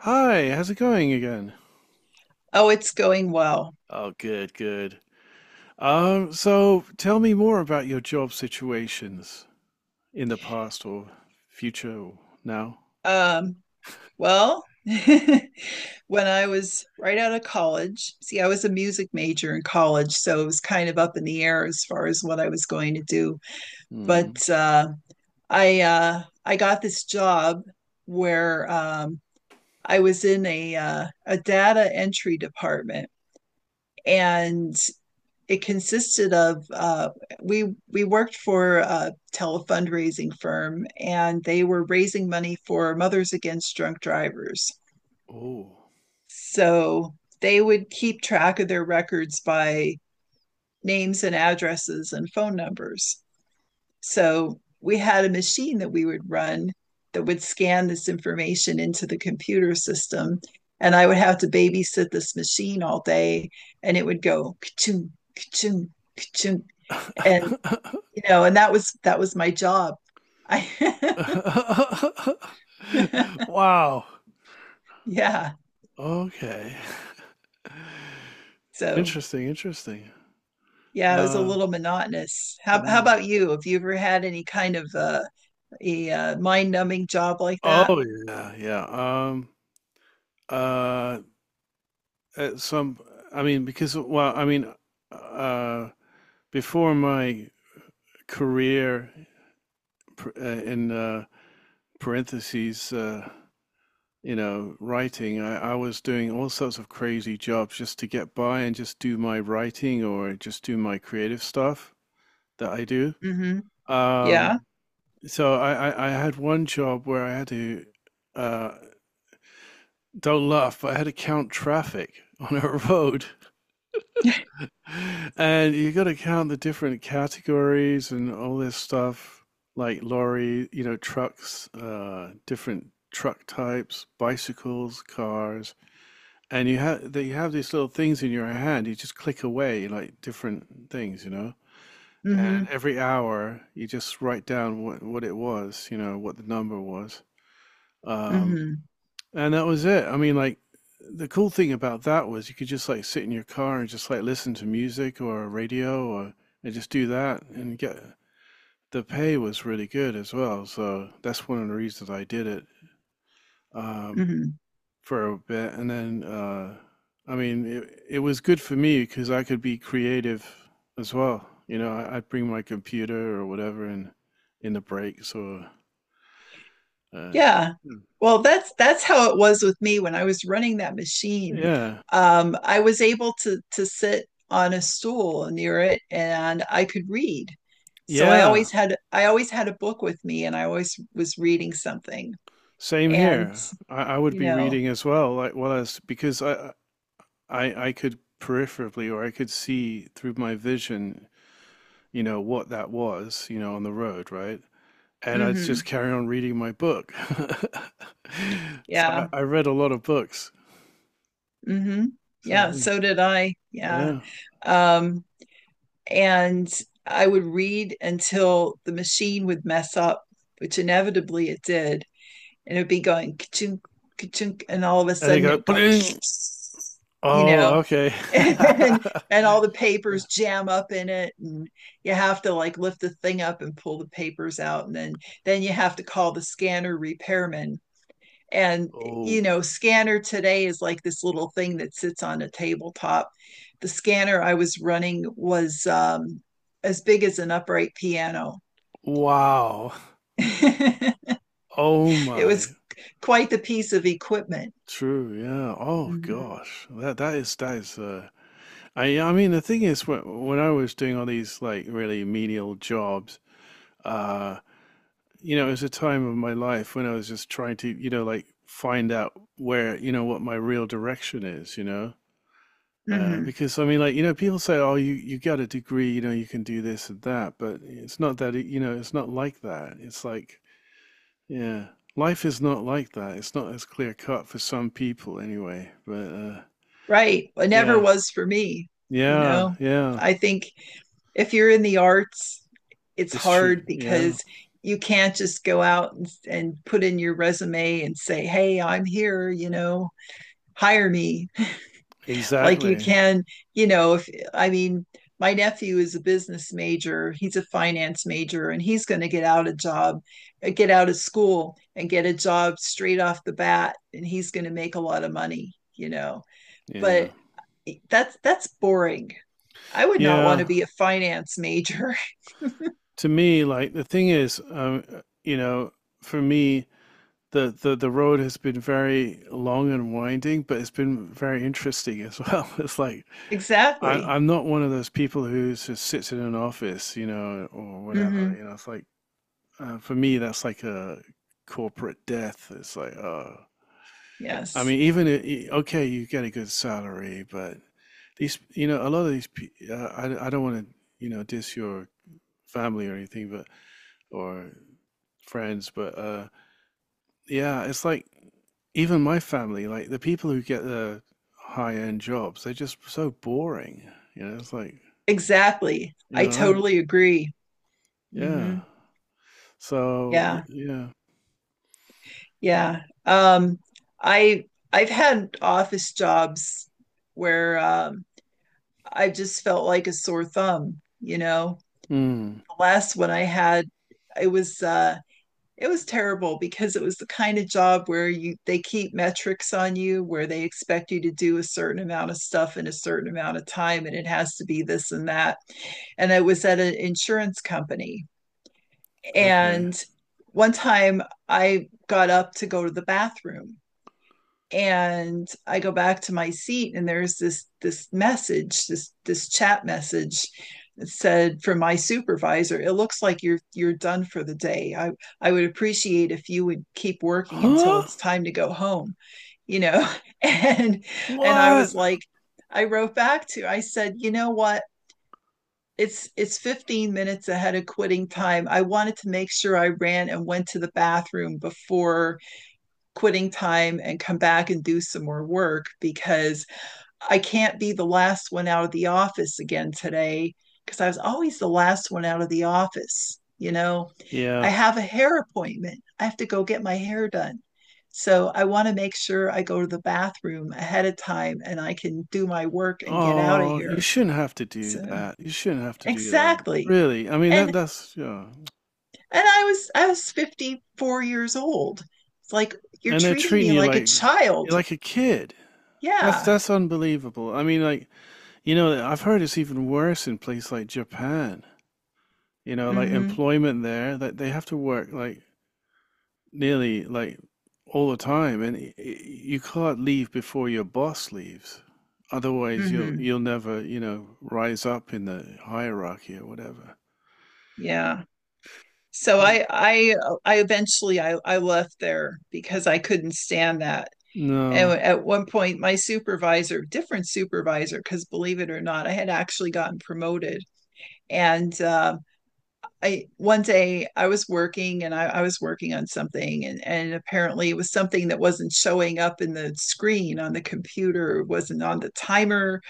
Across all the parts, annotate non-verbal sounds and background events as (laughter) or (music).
Hi, how's it going again? Oh, it's going well. Oh, good, good. So tell me more about your job situations in the past or future or now. Um, well, (laughs) when I was right out of college, see, I was a music major in college, so it was kind of up in the air as far as what I was going to do. Hmm. But I got this job where I was in a data entry department, and it consisted of we worked for a telefundraising firm and they were raising money for mothers against drunk drivers. Oh. So they would keep track of their records by names and addresses and phone numbers. So we had a machine that we would run that would scan this information into the computer system, and I would have to babysit this machine all day. And it would go ka-chunk, ka-chunk, ka-chunk. and and that was my job. I (laughs) (laughs) Wow. yeah. Okay. (laughs) So Interesting, interesting. yeah, it was a Uh, little monotonous. How yeah. about you? Have you ever had any kind of a mind numbing job like that? Oh yeah, yeah. Um, uh, at some, I mean, because uh, before my career in parentheses, you know, writing, I was doing all sorts of crazy jobs just to get by and just do my writing or just do my creative stuff that I do. Mm-hmm. Yeah. Um, so I had one job where I had to, uh, don't laugh, but I had to count traffic (laughs) on a road. (laughs) And you got to count the different categories and all this stuff, like lorry, you know, trucks, different truck types, bicycles, cars, and you have that you have these little things in your hand. You just click away like different things, you know. And Mm-hmm. every hour, you just write down what it was, you know, what the number was. Um, Mm-hmm. and that was it. I mean, like the cool thing about that was you could just like sit in your car and just like listen to music or radio or and just do that and get the pay was really good as well. So that's one of the reasons I did it um, Mm-hmm. for a bit. And then I mean, it was good for me because I could be creative as well. You know, I, I'd bring my computer or whatever in the breaks or uh. Yeah. Hmm. Well, that's how it was with me when I was running that machine. Yeah, I was able to sit on a stool near it and I could read. So I yeah. always had I always had a book with me and I always was reading something. Same And, here. I would you be know, reading as well, like well as because I could peripherally or I could see through my vision, you know, what that was, you know, on the road, right? And I'd just mm-hmm, carry on reading my book. (laughs) So yeah, I read a lot of books. mm-hmm, So yeah, so did I. Yeah. yeah. Um, and I would read until the machine would mess up, which inevitably it did. And it would be going ka-chunk, ka-chunk, and all of a And they sudden it go, would go, (laughs) bling. you know, Oh, okay. (laughs) and all the Yeah. papers jam up in it, and you have to like lift the thing up and pull the papers out, and then you have to call the scanner repairman. And Oh, you know, scanner today is like this little thing that sits on a tabletop. The scanner I was running was as big as an upright piano. wow. (laughs) It Oh was my. quite the piece of equipment. True, yeah. Oh Mm-hmm. gosh. That is I mean the thing is when I was doing all these like really menial jobs, uh, you know, it was a time of my life when I was just trying to, you know, like find out where, you know, what my real direction is, you know. Mm-hmm. Because I mean, like, you know, people say, "Oh, you got a degree, you know, you can do this and that," but it's not that, you know, it's not like that. It's like, yeah, life is not like that. It's not as clear cut for some people, anyway. But Right. It never yeah, was for me. You yeah, know, yeah, I think if you're in the arts, it's it's true. hard Yeah. because you can't just go out and put in your resume and say, hey, I'm here, you know, hire me. Like you Exactly. can, you know, if I mean, my nephew is a business major, he's a finance major, and he's going to get out a job, get out of school and get a job straight off the bat, and he's going to make a lot of money, you know. Yeah. But that's boring. I would not want to Yeah. be a finance major. (laughs) To me, like the thing is, you know, for me, the, the road has been very long and winding, but it's been very interesting as well. (laughs) It's like I, Exactly. I'm not one of those people who just sits in an office, you know, or whatever. Hmm. You know, it's like for me, that's like a corporate death. It's like, oh, I Yes. mean, okay, you get a good salary, but these, you know, a lot of these, I don't want to, you know, diss your family or anything, but or friends. But yeah, it's like even my family, like the people who get the high end jobs, they're just so boring. You know, it's like Exactly. you I know, totally agree. yeah. Hmm. So Yeah. yeah. Yeah. I I've had office jobs where I just felt like a sore thumb, you know. Hmm. The last one I had, it was it was terrible because it was the kind of job where you they keep metrics on you where they expect you to do a certain amount of stuff in a certain amount of time and it has to be this and that. And I was at an insurance company, Okay. and one time I got up to go to the bathroom, and I go back to my seat, and there's this message, this chat message that said, from my supervisor, "It looks like you're done for the day. I I would appreciate if you would keep working until Huh? it's time to go home," you know. (laughs) and and I was What? like, I wrote back to, I said, "You know what? It's 15 minutes ahead of quitting time. I wanted to make sure I ran and went to the bathroom before quitting time and come back and do some more work, because I can't be the last one out of the office again today." Because I was always the last one out of the office. You know, I Yeah. have a hair appointment, I have to go get my hair done. So I want to make sure I go to the bathroom ahead of time and I can do my work and get out of Oh, you here. shouldn't have to do So that. You shouldn't have to do that. exactly. Really. I mean And that and that's yeah. I was 54 years old. It's like you're And they're treating treating me you like a like you're child. like a kid. Yeah. That's unbelievable. I mean like you know, I've heard it's even worse in places like Japan. You know, like Mhm. employment there, that they have to work like nearly like all the time, and you can't leave before your boss leaves. Otherwise, Mhm. you'll never, you know, rise up in the hierarchy or whatever. Yeah. So Mm. I I I eventually I left there because I couldn't stand that. And No. at one point my supervisor, different supervisor, because believe it or not, I had actually gotten promoted, and I one day I was working, and I was working on something, and apparently it was something that wasn't showing up in the screen on the computer, wasn't on the timer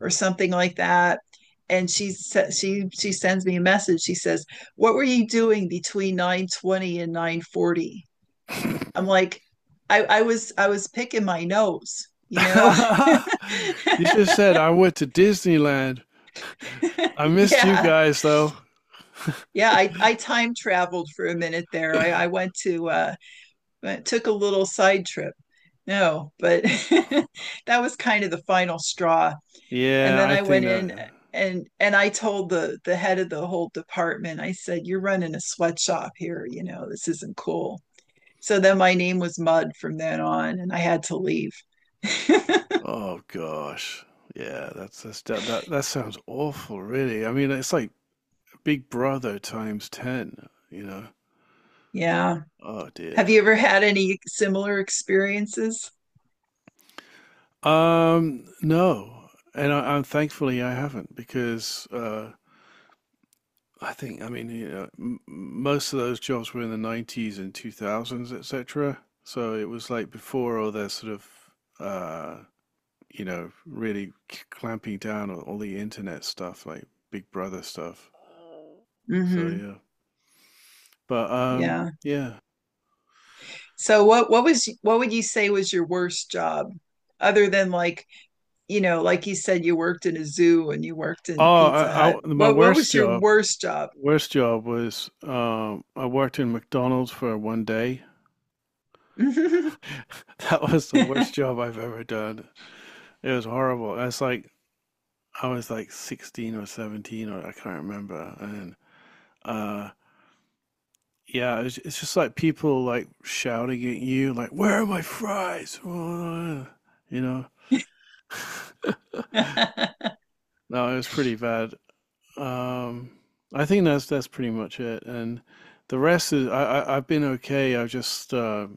or something like that. And she sends me a message. She says, "What were you doing between 9:20 and 9:40?" I'm like, I was I was picking my nose, you know. (laughs) (laughs) You should have said I went to Disneyland. I missed you Yeah, guys though. yeah. I time traveled for a minute there. I went to but it took a little side trip. No, but (laughs) that was kind of the final straw. And Yeah, then I I think went in that. And I told the head of the whole department. I said, "You're running a sweatshop here. You know this isn't cool." So then my name was Mud from then on, and I had to leave. (laughs) Oh gosh. Yeah, that sounds awful, really. I mean, it's like Big Brother times 10, you know. Yeah. Oh dear. Have you ever had any similar experiences? No. And I'm thankfully I haven't because I think I mean, you know, most of those jobs were in the 90s and 2000s, etc. So it was like before all their sort of uh, you know, really clamping down on all the internet stuff, like Big Brother stuff. So Mm-hmm. yeah. But Yeah. yeah. So what was what would you say was your worst job, other than like you know, like you said, you worked in a zoo and you worked in Oh, Pizza Hut. My What was your worst job? worst job was I worked in McDonald's for 1 day. (laughs) (laughs) That was the worst job I've ever done. It was horrible. I was like 16 or 17 or I can't remember. And uh, yeah, it's just like people like shouting at you, like, "Where are my fries?" (laughs) You know. Hmm. No, it was pretty bad. Um, I think that's pretty much it, and the rest is I've been okay. I've just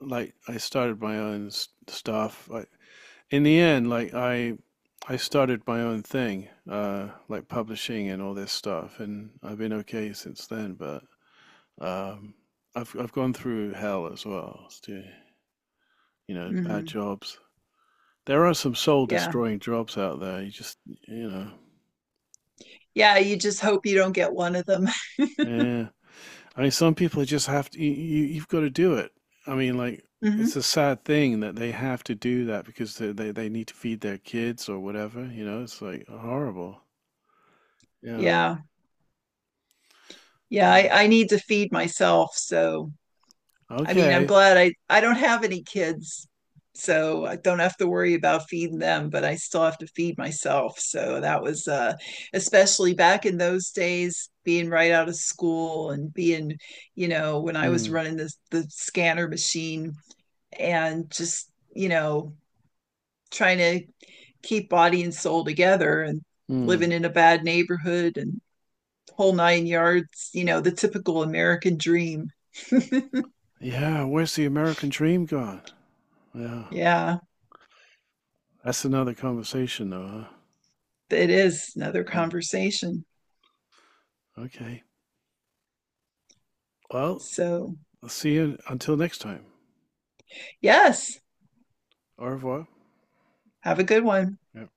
like I started my own stuff. I, in the end, like I started my own thing, like publishing and all this stuff, and I've been okay since then. But um, I've gone through hell as well. It's you know, bad jobs. There are some soul Yeah. destroying jobs out there. You just you know, Yeah. You just hope you don't get one of them. yeah. I mean, some people just have to. You've got to do it. I mean, like (laughs) Hmm. it's a sad thing that they have to do that because they need to feed their kids or whatever. You know, it's like horrible. Yeah. Yeah. Yeah. I, Mm. I need to feed myself. So I mean, I'm Okay. glad I don't have any kids, so I don't have to worry about feeding them, but I still have to feed myself. So that was especially back in those days being right out of school and being, you know, when I was Mm. running the scanner machine and just, you know, trying to keep body and soul together and Mm. living in a bad neighborhood and whole nine yards, you know, the typical American dream. Yeah. Where's the American dream gone? Yeah. (laughs) Yeah. That's another conversation, though. Huh? It is another Mm. conversation. Okay. Well, So, I'll see you until next time. yes, Au revoir. have a good one. Yeah.